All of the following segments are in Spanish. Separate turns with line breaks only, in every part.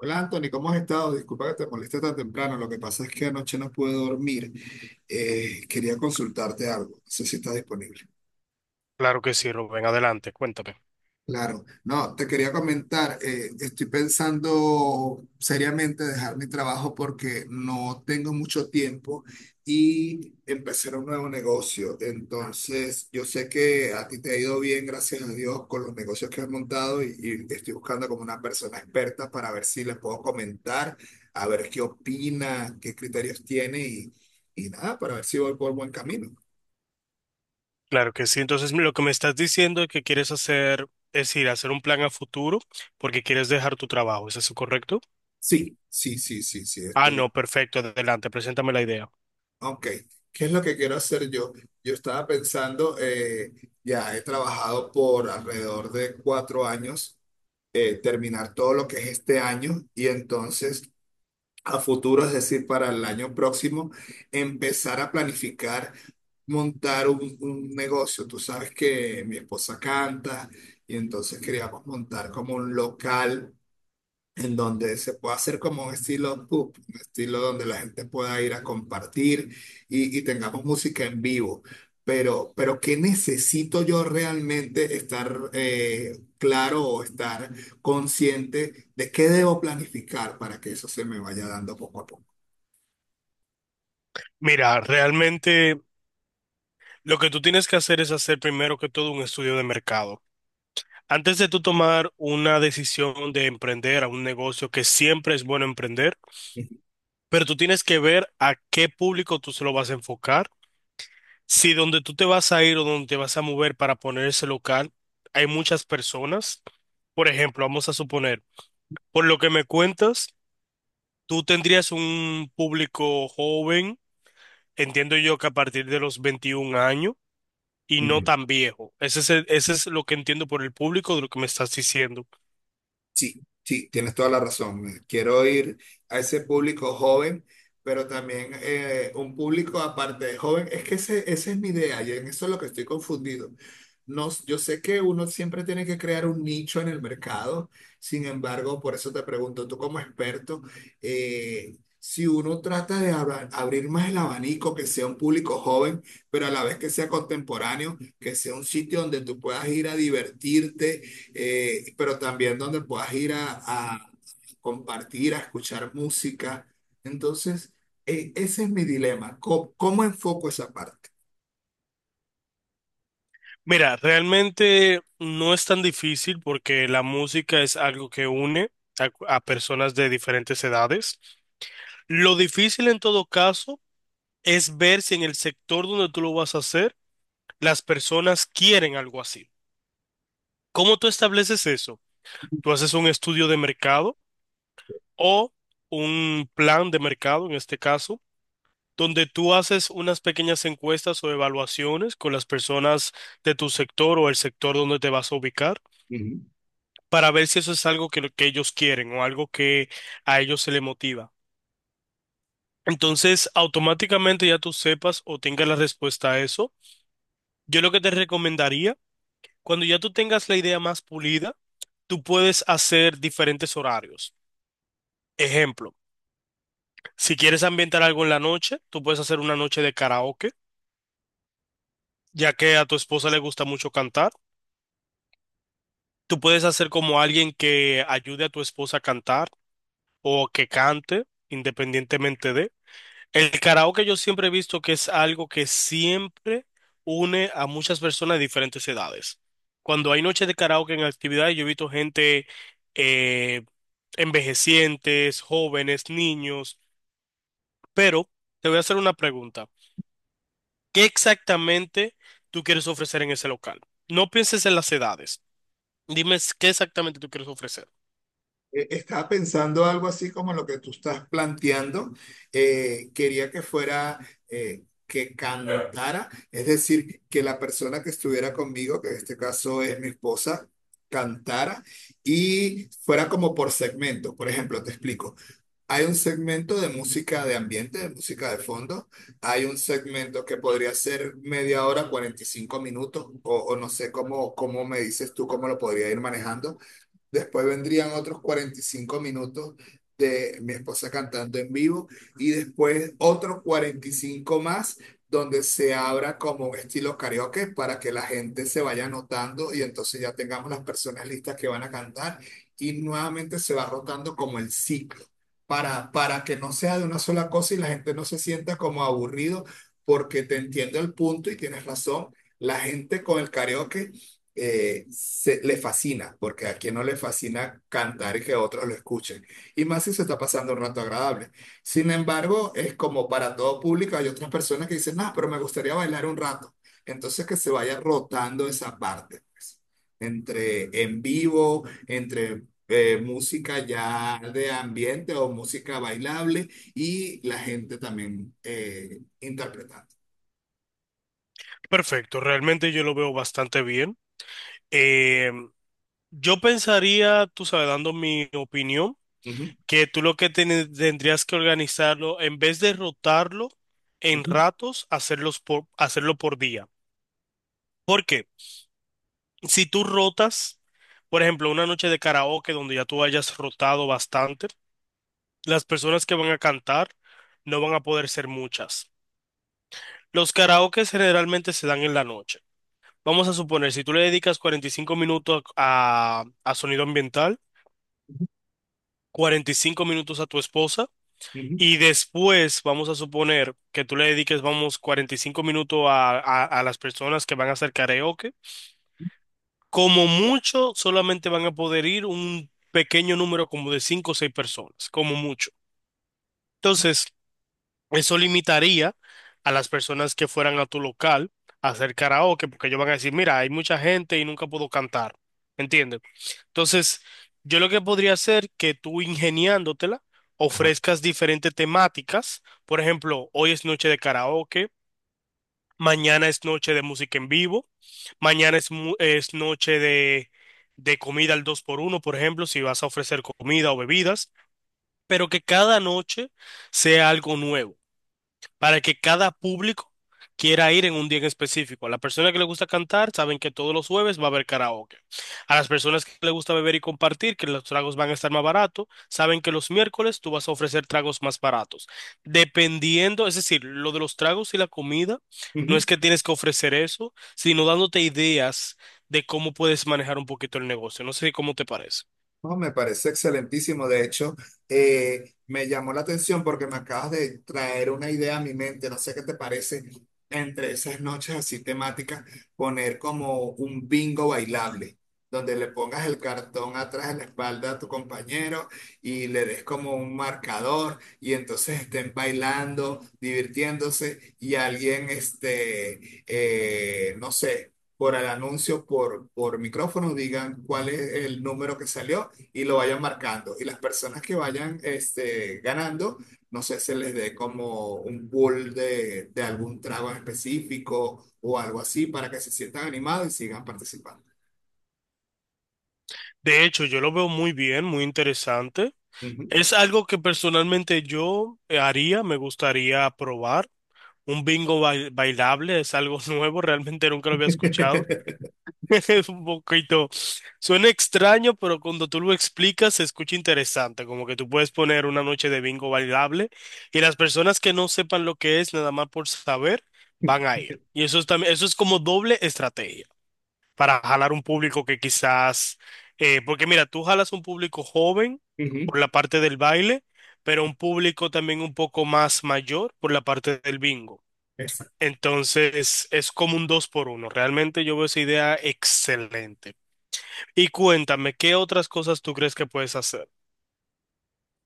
Hola Anthony, ¿cómo has estado? Disculpa que te moleste tan temprano. Lo que pasa es que anoche no pude dormir. Quería consultarte algo. No sé si estás disponible.
Claro que sí, Rubén, adelante, cuéntame.
Claro, no, te quería comentar, estoy pensando seriamente dejar mi trabajo porque no tengo mucho tiempo y empezar un nuevo negocio. Entonces, yo sé que a ti te ha ido bien, gracias a Dios, con los negocios que has montado y estoy buscando como una persona experta para ver si les puedo comentar, a ver qué opina, qué criterios tiene y nada, para ver si voy por buen camino.
Claro que sí, entonces lo que me estás diciendo es que quieres hacer, es decir, hacer un plan a futuro porque quieres dejar tu trabajo, ¿es eso correcto?
Sí, sí, sí, sí, sí,
Ah,
estoy.
no, perfecto, adelante, preséntame la idea.
Ok, ¿qué es lo que quiero hacer yo? Yo estaba pensando, ya he trabajado por alrededor de 4 años, terminar todo lo que es este año y entonces a futuro, es decir, para el año próximo, empezar a planificar montar un negocio. Tú sabes que mi esposa canta y entonces queríamos montar como un local en donde se pueda hacer como un estilo pub, un estilo donde la gente pueda ir a compartir y tengamos música en vivo. Pero ¿qué necesito yo realmente estar claro o estar consciente de qué debo planificar para que eso se me vaya dando poco a poco?
Mira, realmente lo que tú tienes que hacer es hacer primero que todo un estudio de mercado. Antes de tú tomar una decisión de emprender a un negocio que siempre es bueno emprender, pero tú tienes que ver a qué público tú se lo vas a enfocar. Si donde tú te vas a ir o donde te vas a mover para poner ese local, hay muchas personas. Por ejemplo, vamos a suponer, por lo que me cuentas, tú tendrías un público joven, entiendo yo que a partir de los 21 años y no
Ujú.
tan viejo. Ese es lo que entiendo por el público de lo que me estás diciendo.
Sí, sí, tienes toda la razón. Quiero ir a ese público joven, pero también un público aparte de joven. Es que ese, esa es mi idea y en eso es lo que estoy confundido. No, yo sé que uno siempre tiene que crear un nicho en el mercado, sin embargo, por eso te pregunto, tú como experto, si uno trata de abrir más el abanico, que sea un público joven, pero a la vez que sea contemporáneo, que sea un sitio donde tú puedas ir a divertirte pero también donde puedas ir a, a compartir, a escuchar música. Entonces, ese es mi dilema. ¿¿Cómo enfoco esa parte?
Mira, realmente no es tan difícil porque la música es algo que une a, a personas de diferentes edades. Lo difícil en todo caso es ver si en el sector donde tú lo vas a hacer, las personas quieren algo así. ¿Cómo tú estableces eso? Tú haces un estudio de mercado o un plan de mercado, en este caso, donde tú haces unas pequeñas encuestas o evaluaciones con las personas de tu sector o el sector donde te vas a ubicar
Ujú.
para ver si eso es algo que ellos quieren o algo que a ellos se les motiva. Entonces, automáticamente ya tú sepas o tengas la respuesta a eso. Yo lo que te recomendaría, cuando ya tú tengas la idea más pulida, tú puedes hacer diferentes horarios. Ejemplo, si quieres ambientar algo en la noche, tú puedes hacer una noche de karaoke, ya que a tu esposa le gusta mucho cantar. Tú puedes hacer como alguien que ayude a tu esposa a cantar o que cante, independientemente de. El karaoke yo siempre he visto que es algo que siempre une a muchas personas de diferentes edades. Cuando hay noches de karaoke en actividades, yo he visto gente eh, envejecientes, jóvenes, niños, pero te voy a hacer una pregunta. ¿Qué exactamente tú quieres ofrecer en ese local? No pienses en las edades. Qué exactamente tú quieres ofrecer.
Estaba pensando algo así como lo que tú estás planteando. Quería que fuera que cantara, es decir, que la persona que estuviera conmigo, que en este caso es mi esposa, cantara y fuera como por segmento. Por ejemplo, te explico. Hay un segmento de música de ambiente, de música de fondo. Hay un segmento que podría ser media hora, 45 minutos, o no sé cómo me dices tú, cómo lo podría ir manejando. Después vendrían otros 45 minutos de mi esposa cantando en vivo y después otros 45 más donde se abra como estilo karaoke para que la gente se vaya anotando y entonces ya tengamos las personas listas que van a cantar y nuevamente se va rotando como el ciclo para que no sea de una sola cosa y la gente no se sienta como aburrido porque te entiendo el punto y tienes razón. La gente con el karaoke le fascina, porque a quien no le fascina cantar y que otros lo escuchen, y más si se está pasando un rato agradable. Sin embargo, es como para todo público, hay otras personas que dicen, no, pero me gustaría bailar un rato. Entonces que se vaya rotando esa parte, pues, entre en vivo, entre música ya de ambiente o música bailable y la gente también interpretando.
Perfecto, realmente yo lo veo bastante bien. Eh, yo pensaría, tú sabes, dando mi opinión,
Ujú,
que tú lo que tendrías que organizarlo, en vez de rotarlo en
ujú,
ratos, hacerlo por día. Porque si tú rotas, por ejemplo, una noche de karaoke donde ya tú hayas rotado bastante, las personas que van a cantar no van a poder ser muchas. Los karaokes generalmente se dan en la noche. Vamos a suponer, si tú le dedicas 45 minutos a, sonido ambiental,
ujú,
45 minutos a tu esposa,
ujú,
y después vamos a suponer que tú le dediques, vamos, 45 minutos a las personas que van a hacer karaoke. Como mucho, solamente van a poder ir un pequeño número como de 5 o 6 personas, como mucho. Entonces, eso limitaría a las personas que fueran a tu local a hacer karaoke, porque ellos van a decir, mira, hay mucha gente y nunca puedo cantar. ¿Entiendes? Entonces, yo lo que podría hacer que tú ingeniándotela
ajá,
ofrezcas diferentes temáticas. Por ejemplo, hoy es noche de karaoke, mañana es noche de música en vivo, es noche de comida al dos por uno, por ejemplo, si vas a ofrecer comida o bebidas, pero que cada noche sea algo nuevo para que cada público quiera ir en un día en específico. A la persona que le gusta cantar, saben que todos los jueves va a haber karaoke. A las personas que le gusta beber y compartir, que los tragos van a estar más baratos, saben que los miércoles tú vas a ofrecer tragos más baratos. Dependiendo, es decir, lo de los tragos y la comida, no
ujú.
es que tienes que ofrecer eso, sino dándote ideas de cómo puedes manejar un poquito el negocio. No sé cómo te parece.
No, me parece excelentísimo. De hecho, me llamó la atención porque me acabas de traer una idea a mi mente. No sé qué te parece entre esas noches así temáticas, poner como un bingo bailable, donde le pongas el cartón atrás de la espalda a tu compañero y le des como un marcador y entonces estén bailando, divirtiéndose y alguien, este, no sé. Por el anuncio, por micrófono, digan cuál es el número que salió y lo vayan marcando. Y las personas que vayan este, ganando, no sé, se les dé como un pool de algún trago en específico o algo así para que se sientan animados y sigan participando.
De hecho, yo lo veo muy bien, muy interesante.
Ujú.
Es algo que personalmente yo haría, me gustaría probar. Un bailable es algo nuevo, realmente nunca lo había escuchado. Es un poquito, suena extraño, pero cuando tú lo explicas se escucha interesante, como que tú puedes poner una noche de bingo bailable y las personas que no sepan lo que es, nada más por saber, van a ir. Y eso es también, eso es como doble estrategia para jalar un público que porque mira, tú jalas un público joven
Ujú.
por la parte del baile, pero un público también un poco más mayor por la parte del bingo.
Exacto.
Entonces es como un dos por uno. Realmente yo veo esa idea excelente. Y cuéntame, ¿qué otras cosas tú crees que puedes hacer?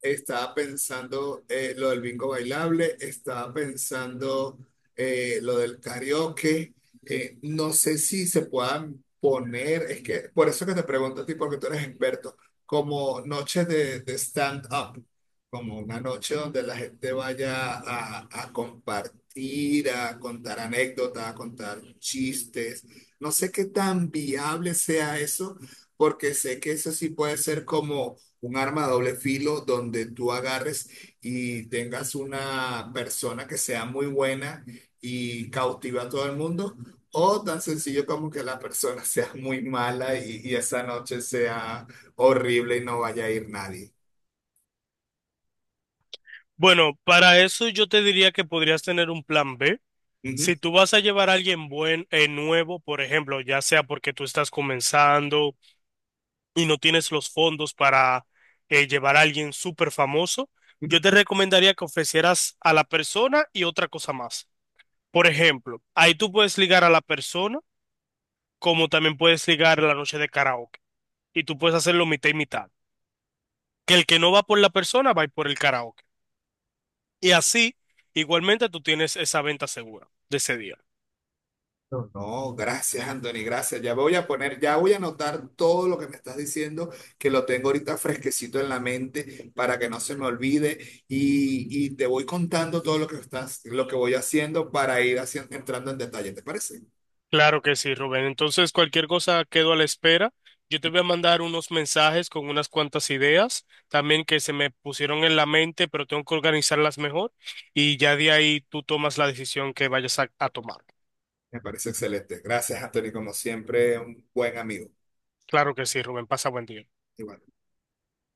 Estaba pensando lo del bingo bailable, estaba pensando lo del karaoke. No sé si se puedan poner, es que por eso que te pregunto a ti, porque tú eres experto, como noches de, stand-up, como una noche donde la gente vaya a, compartir, a contar anécdotas, a contar chistes. No sé qué tan viable sea eso, porque sé que eso sí puede ser como un arma de doble filo donde tú agarres y tengas una persona que sea muy buena y cautiva a todo el mundo, o tan sencillo como que la persona sea muy mala y esa noche sea horrible y no vaya a ir nadie.
Bueno, para eso yo te diría que podrías tener un plan B. Si tú vas a llevar a nuevo, por ejemplo, ya sea porque tú estás comenzando, y no tienes los fondos para llevar a alguien súper famoso,
Ujú.
yo te recomendaría que ofrecieras a la persona y otra cosa más. Por ejemplo, ahí tú puedes ligar a la persona, como también puedes ligar la noche de karaoke. Y tú puedes hacerlo mitad y mitad. Que el que no va por la persona va a ir por el karaoke. Y así, igualmente, tú tienes esa venta segura de ese día.
No, no, gracias, Anthony, gracias. Ya voy a poner, ya voy a anotar todo lo que me estás diciendo, que lo tengo ahorita fresquecito en la mente para que no se me olvide y te voy contando todo lo que estás, lo que voy haciendo para ir haciendo, entrando en detalle, ¿te parece?
Claro que sí, Rubén. Entonces, cualquier cosa quedo a la espera. Yo te voy a mandar unos mensajes con unas cuantas ideas también que se me pusieron en la mente, pero tengo que organizarlas mejor y ya de ahí tú tomas la decisión que vayas a tomar.
Me parece excelente. Gracias, Anthony, como siempre, un buen amigo.
Claro que sí, Rubén. Pasa buen día.
Igual.